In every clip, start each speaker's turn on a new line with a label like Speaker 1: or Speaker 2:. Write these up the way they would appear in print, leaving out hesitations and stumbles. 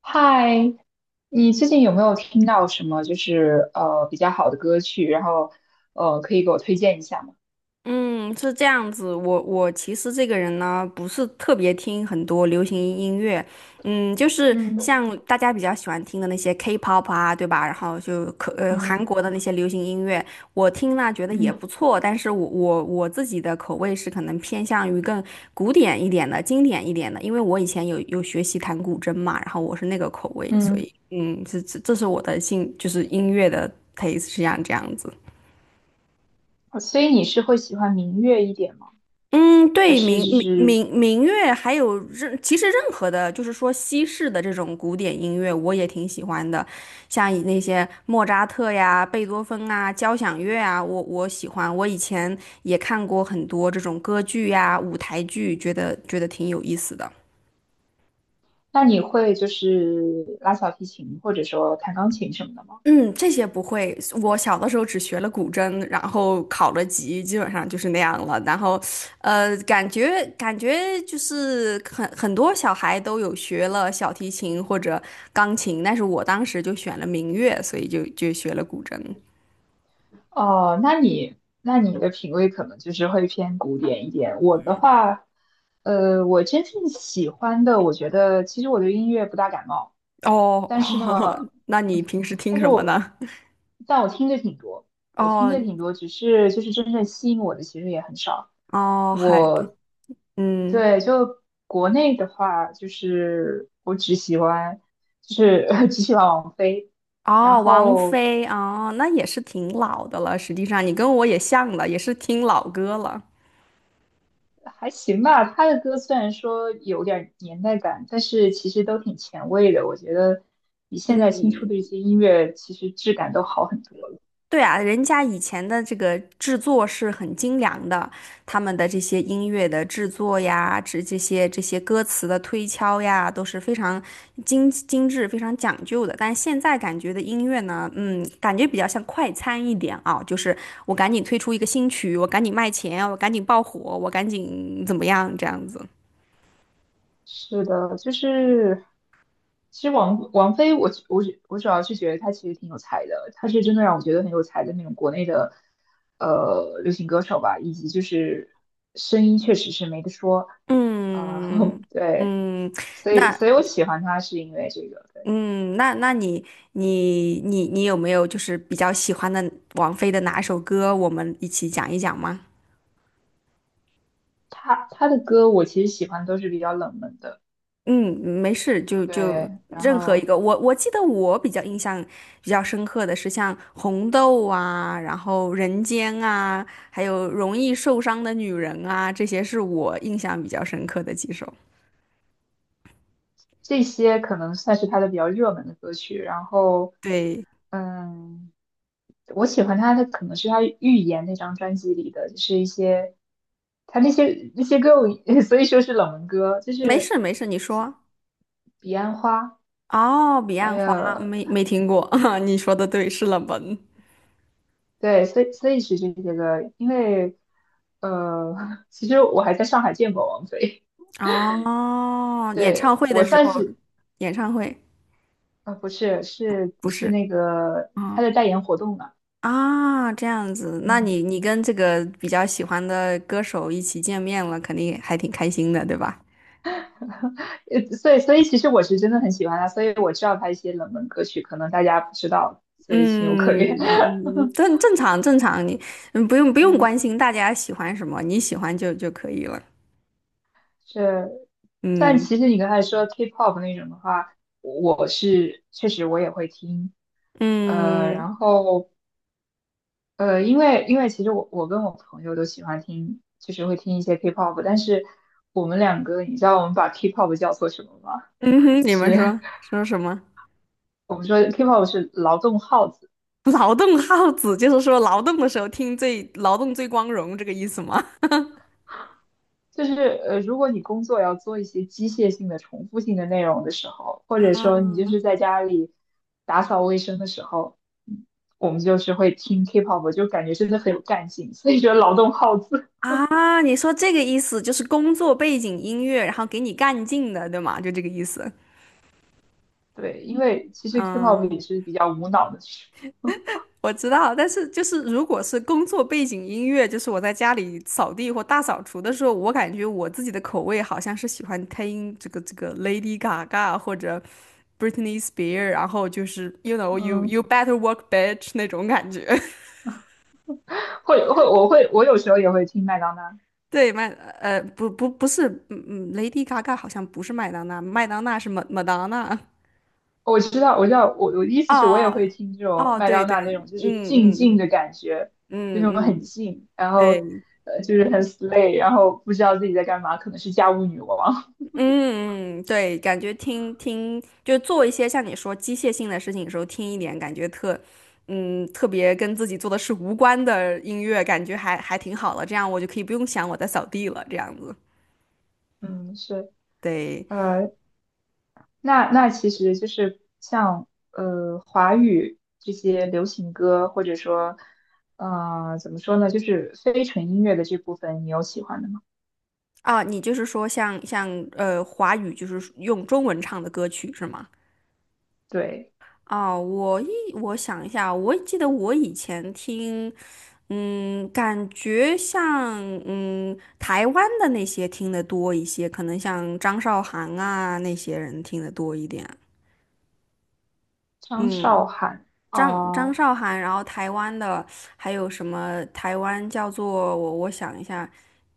Speaker 1: 嗨，你最近有没有听到什么就是比较好的歌曲？然后可以给我推荐一下吗？
Speaker 2: 嗯，是这样子。我其实这个人呢，不是特别听很多流行音乐，就是
Speaker 1: 嗯
Speaker 2: 像大家比较喜欢听的那些 K-pop 啊，对吧？然后就韩
Speaker 1: 嗯
Speaker 2: 国的那些流行音乐，我听了觉得也
Speaker 1: 嗯
Speaker 2: 不错，但是我自己的口味是可能偏向于更古典一点的、经典一点的，因为我以前有学习弹古筝嘛，然后我是那个口味，所
Speaker 1: 嗯，
Speaker 2: 以这是我的兴，就是音乐的 taste 是这样子。
Speaker 1: 所以你是会喜欢民乐一点吗？
Speaker 2: 嗯，
Speaker 1: 还
Speaker 2: 对，
Speaker 1: 是
Speaker 2: 民
Speaker 1: 就
Speaker 2: 民
Speaker 1: 是
Speaker 2: 民民乐，还有任，其实任何的，就是说西式的这种古典音乐，我也挺喜欢的，像那些莫扎特呀、贝多芬啊、交响乐啊，我喜欢。我以前也看过很多这种歌剧呀、舞台剧，觉得挺有意思的。
Speaker 1: 那你会就是拉小提琴或者说弹钢琴什么的吗？
Speaker 2: 嗯，这些不会。我小的时候只学了古筝，然后考了级，基本上就是那样了。然后，感觉就是很多小孩都有学了小提琴或者钢琴，但是我当时就选了民乐，所以就学了古筝。
Speaker 1: 哦，那你的品味可能就是会偏古典一点。我的话，我真正喜欢的，我觉得其实我对音乐不大感冒。
Speaker 2: 哦，
Speaker 1: 但是 呢，
Speaker 2: 那你平时听
Speaker 1: 但是
Speaker 2: 什么
Speaker 1: 我，
Speaker 2: 呢？
Speaker 1: 但我听着挺多，我听
Speaker 2: 哦
Speaker 1: 着挺多，只是就是真正吸引我的其实也很少。
Speaker 2: 哦，还
Speaker 1: 我，
Speaker 2: 嗯
Speaker 1: 对，就国内的话，就是我只喜欢，就是 只喜欢王菲，然
Speaker 2: 哦，王
Speaker 1: 后
Speaker 2: 菲哦，那也是挺老的了。实际上，你跟我也像了，也是听老歌了。
Speaker 1: 还行吧。她的歌虽然说有点年代感，但是其实都挺前卫的，我觉得比现在新出的
Speaker 2: 嗯，
Speaker 1: 一些音乐其实质感都好很多。
Speaker 2: 对啊，人家以前的这个制作是很精良的，他们的这些音乐的制作呀，这些歌词的推敲呀，都是非常精致、非常讲究的。但现在感觉的音乐呢，感觉比较像快餐一点啊，就是我赶紧推出一个新曲，我赶紧卖钱，我赶紧爆火，我赶紧怎么样这样子。
Speaker 1: 是的，其实王菲我我我主要是觉得她其实挺有才的，她是真的让我觉得很有才的那种国内的流行歌手吧，以及就是声音确实是没得说啊，
Speaker 2: 嗯
Speaker 1: 对，
Speaker 2: 嗯，
Speaker 1: 所以
Speaker 2: 那。
Speaker 1: 所以我喜欢她是因为这个，对，
Speaker 2: 嗯，那你有没有就是比较喜欢的王菲的哪首歌？我们一起讲一讲吗？
Speaker 1: 她的歌我其实喜欢都是比较冷门的，
Speaker 2: 嗯，没事，就
Speaker 1: 对，然
Speaker 2: 任何一
Speaker 1: 后。
Speaker 2: 个。我记得我比较印象比较深刻的是像《红豆》啊，然后《人间》啊，还有《容易受伤的女人》啊，这些是我印象比较深刻的几首。
Speaker 1: 这些可能算是他的比较热门的歌曲。然后，
Speaker 2: 对，
Speaker 1: 嗯，我喜欢他的可能是他《预言》那张专辑里的，就是一些他那些歌我，所以说是冷门歌，就
Speaker 2: 没
Speaker 1: 是
Speaker 2: 事没事，你说。
Speaker 1: 《彼岸花》，
Speaker 2: 哦，《彼
Speaker 1: 还
Speaker 2: 岸
Speaker 1: 有
Speaker 2: 花》没听过，你说的对，是冷门。
Speaker 1: 对，所以是这些歌，因为呃，其实我还在上海见过王菲，
Speaker 2: 哦，演
Speaker 1: 对，
Speaker 2: 唱会
Speaker 1: 我
Speaker 2: 的时
Speaker 1: 算
Speaker 2: 候。
Speaker 1: 是
Speaker 2: 演唱会
Speaker 1: 啊，不是，是
Speaker 2: 不
Speaker 1: 是
Speaker 2: 是
Speaker 1: 那个他
Speaker 2: 啊
Speaker 1: 的代言活动嘛，
Speaker 2: 啊，这样子，那
Speaker 1: 嗯。
Speaker 2: 你跟这个比较喜欢的歌手一起见面了，肯定还挺开心的，对吧？
Speaker 1: 所以其实我是真的很喜欢他，所以我知道他一些冷门歌曲，可能大家不知道，所以情有可
Speaker 2: 嗯，
Speaker 1: 原。
Speaker 2: 嗯，正常正常，你不用不 用
Speaker 1: 嗯，
Speaker 2: 关心大家喜欢什么，你喜欢就可以了。
Speaker 1: 是，但
Speaker 2: 嗯
Speaker 1: 其实你刚才说 K-pop 那种的话，我是确实我也会听，呃，
Speaker 2: 嗯
Speaker 1: 然后因为其实我跟我朋友都喜欢听，就是会听一些 K-pop，但是我们两个，你知道我们把 K-pop 叫做什么吗？
Speaker 2: 嗯哼，你们
Speaker 1: 是
Speaker 2: 说说什么？
Speaker 1: 我们说 K-pop 是劳动号子。
Speaker 2: 劳动号子就是说劳动的时候听最劳动最光荣这个意思吗？
Speaker 1: 就是如果你工作要做一些机械性的、重复性的内容的时候，或者说
Speaker 2: 啊。
Speaker 1: 你就是在家里打扫卫生的时候，嗯我们就是会听 K-pop，就感觉真的很有干劲，所以说劳动号子。
Speaker 2: 啊，你说这个意思就是工作背景音乐，然后给你干劲的，对吗？就这个意思。
Speaker 1: 对，因为其实 K-pop
Speaker 2: 嗯，
Speaker 1: 也是比较无脑的，
Speaker 2: 我知道，但是就是如果是工作背景音乐，就是我在家里扫地或大扫除的时候，我感觉我自己的口味好像是喜欢听这个 Lady Gaga 或者 Britney Spears，然后就是 you know you
Speaker 1: 嗯，
Speaker 2: better work bitch 那种感觉。
Speaker 1: 会会我会我有时候也会听麦当娜。
Speaker 2: 对，不不不是，嗯嗯，Lady Gaga 好像不是麦当娜，麦当娜是 m a 麦当娜。
Speaker 1: 我知道，我知道，我的意思是我也
Speaker 2: 哦
Speaker 1: 会听这种
Speaker 2: 哦，
Speaker 1: 麦
Speaker 2: 对
Speaker 1: 当
Speaker 2: 对，
Speaker 1: 娜那种，就是
Speaker 2: 嗯
Speaker 1: 静
Speaker 2: 嗯
Speaker 1: 静
Speaker 2: 嗯
Speaker 1: 的感觉，就
Speaker 2: 嗯
Speaker 1: 那种很
Speaker 2: 嗯，
Speaker 1: 静，然后
Speaker 2: 对，
Speaker 1: 就是很 slay，然后不知道自己在干嘛，可能是家务女王。
Speaker 2: 嗯嗯，对，感觉听听就做一些像你说机械性的事情的时候，听一点感觉特别跟自己做的事无关的音乐，感觉还挺好了。这样我就可以不用想我在扫地了，这样子。
Speaker 1: 嗯，是，
Speaker 2: 对
Speaker 1: 呃，那其实就是像华语这些流行歌，或者说怎么说呢，就是非纯音乐的这部分，你有喜欢的吗？
Speaker 2: 啊，你就是说像华语就是用中文唱的歌曲是吗？
Speaker 1: 对，
Speaker 2: 哦，我想一下，我记得我以前听，嗯，感觉像台湾的那些听得多一些，可能像张韶涵啊那些人听得多一点。
Speaker 1: 张
Speaker 2: 嗯，
Speaker 1: 韶涵
Speaker 2: 张
Speaker 1: 啊
Speaker 2: 韶涵，然后台湾的还有什么？台湾叫做我想一下，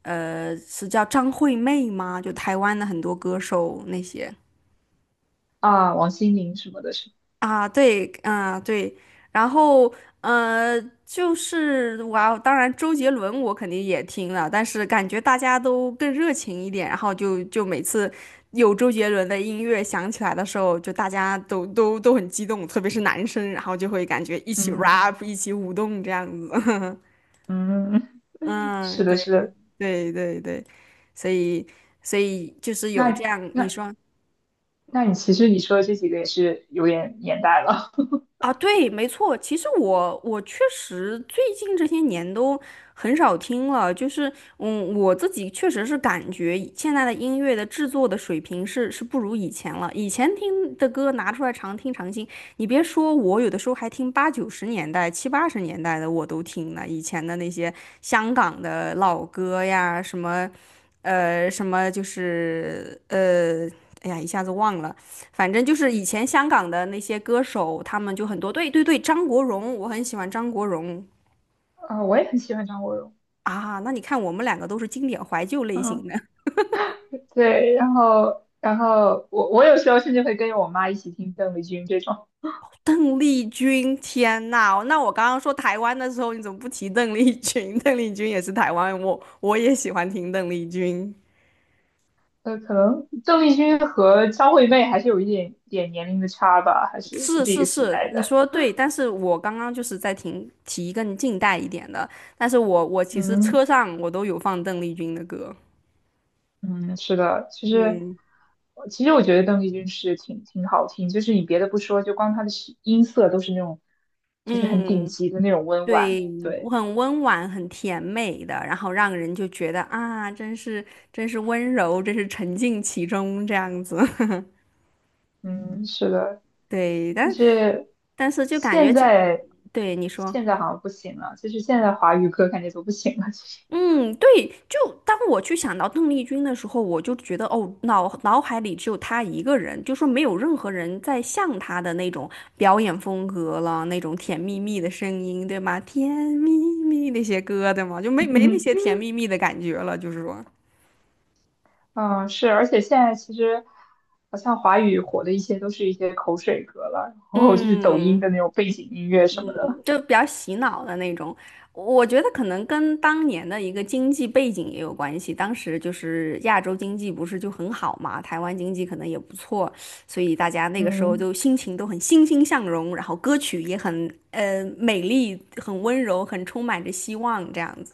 Speaker 2: 呃，是叫张惠妹吗？就台湾的很多歌手那些。
Speaker 1: 啊，王心凌什么的是，
Speaker 2: 啊，对，啊，对，然后呃，就是哇，当然周杰伦我肯定也听了，但是感觉大家都更热情一点，然后就每次有周杰伦的音乐响起来的时候，就大家都很激动，特别是男生，然后就会感觉一起
Speaker 1: 嗯
Speaker 2: rap，一起舞动这样子。
Speaker 1: 嗯。是
Speaker 2: 嗯，
Speaker 1: 的，
Speaker 2: 对
Speaker 1: 是的，
Speaker 2: 对对对，所以所以就是有这
Speaker 1: 那
Speaker 2: 样，你
Speaker 1: 那
Speaker 2: 说。
Speaker 1: 那你其实你说的这几个也是有点年代了。
Speaker 2: 啊，对，没错。其实我确实最近这些年都很少听了，就是我自己确实是感觉现在的音乐的制作的水平是不如以前了。以前听的歌拿出来常听常新，你别说我有的时候还听八九十年代、七八十年代的我都听了。以前的那些香港的老歌呀，什么就是哎呀，一下子忘了。反正就是以前香港的那些歌手，他们就很多。对对对，张国荣，我很喜欢张国荣
Speaker 1: 啊，我也很喜欢张国荣。
Speaker 2: 啊。那你看，我们两个都是经典怀旧类型
Speaker 1: 嗯，
Speaker 2: 的。
Speaker 1: 对，然后我有时候甚至会跟着我妈一起听邓丽君这种。
Speaker 2: 邓丽君，天呐，那我刚刚说台湾的时候，你怎么不提邓丽君？邓丽君也是台湾，我也喜欢听邓丽君。
Speaker 1: 呃，可能邓丽君和张惠妹还是有一点点年龄的差吧，还是不
Speaker 2: 是
Speaker 1: 是一
Speaker 2: 是
Speaker 1: 个时
Speaker 2: 是，
Speaker 1: 代
Speaker 2: 你
Speaker 1: 的。
Speaker 2: 说的对，但是我刚刚就是在听提更近代一点的，但是我其实
Speaker 1: 嗯
Speaker 2: 车上我都有放邓丽君的歌。
Speaker 1: 嗯，是的，其实
Speaker 2: 嗯，
Speaker 1: 其实我觉得邓丽君是挺好听，就是你别的不说，就光她的音色都是那种就是很顶
Speaker 2: 嗯，
Speaker 1: 级的那种温婉。
Speaker 2: 对，
Speaker 1: 对。
Speaker 2: 很温婉，很甜美的，然后让人就觉得啊，真是温柔，真是沉浸其中这样子。
Speaker 1: 嗯，是的，
Speaker 2: 对，
Speaker 1: 但
Speaker 2: 但
Speaker 1: 是
Speaker 2: 但是就感觉
Speaker 1: 现
Speaker 2: 这，
Speaker 1: 在
Speaker 2: 对你说，
Speaker 1: 现在好像不行了，就是现在华语歌感觉都不行了，其实。
Speaker 2: 嗯，对，就当我去想到邓丽君的时候，我就觉得哦，脑海里只有她一个人，就说没有任何人在像她的那种表演风格了，那种甜蜜蜜的声音，对吗？甜蜜蜜那些歌，对吗？就没那些 甜蜜蜜的感觉了，就是说，
Speaker 1: 嗯，是，而且现在其实好像华语火的一些都是一些口水歌了，然后就是抖音
Speaker 2: 嗯。
Speaker 1: 的那种背景音乐什么的。
Speaker 2: 就比较洗脑的那种。我觉得可能跟当年的一个经济背景也有关系，当时就是亚洲经济不是就很好嘛，台湾经济可能也不错，所以大家那个时候
Speaker 1: 嗯
Speaker 2: 就心情都很欣欣向荣，然后歌曲也很美丽、很温柔、很充满着希望这样子。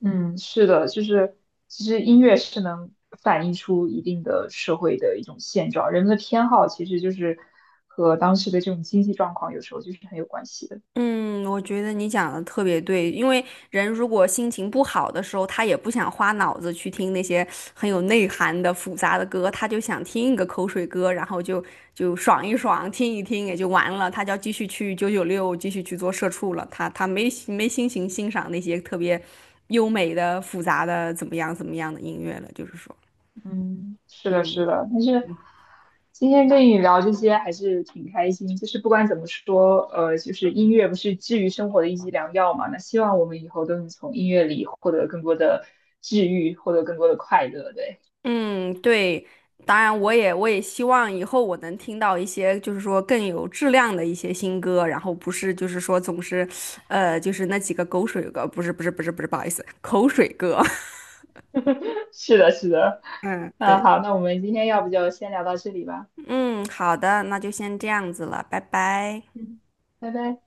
Speaker 1: 嗯，是的，就是其实音乐是能反映出一定的社会的一种现状，人们的偏好其实就是和当时的这种经济状况有时候就是很有关系的。
Speaker 2: 嗯，我觉得你讲的特别对，因为人如果心情不好的时候，他也不想花脑子去听那些很有内涵的复杂的歌，他就想听一个口水歌，然后就爽一爽，听一听也就完了。他就要继续去九九六，继续去做社畜了。他没心情欣赏那些特别优美的、复杂的怎么样怎么样的音乐了，就是说，
Speaker 1: 嗯，是的，
Speaker 2: 嗯。
Speaker 1: 是的，但是今天跟你聊这些还是挺开心。就是不管怎么说，就是音乐不是治愈生活的一剂良药嘛。那希望我们以后都能从音乐里获得更多的治愈，获得更多的快乐。对，
Speaker 2: 嗯，对，当然我也希望以后我能听到一些就是说更有质量的一些新歌，然后不是就是说总是，就是那几个狗水歌，不是不是不是不是，不好意思，口水歌。
Speaker 1: 是的，是的。
Speaker 2: 嗯，
Speaker 1: 那
Speaker 2: 对。
Speaker 1: 好，那我们今天要不就先聊到这里吧。
Speaker 2: 嗯，好的，那就先这样子了，拜拜。
Speaker 1: 嗯，拜拜。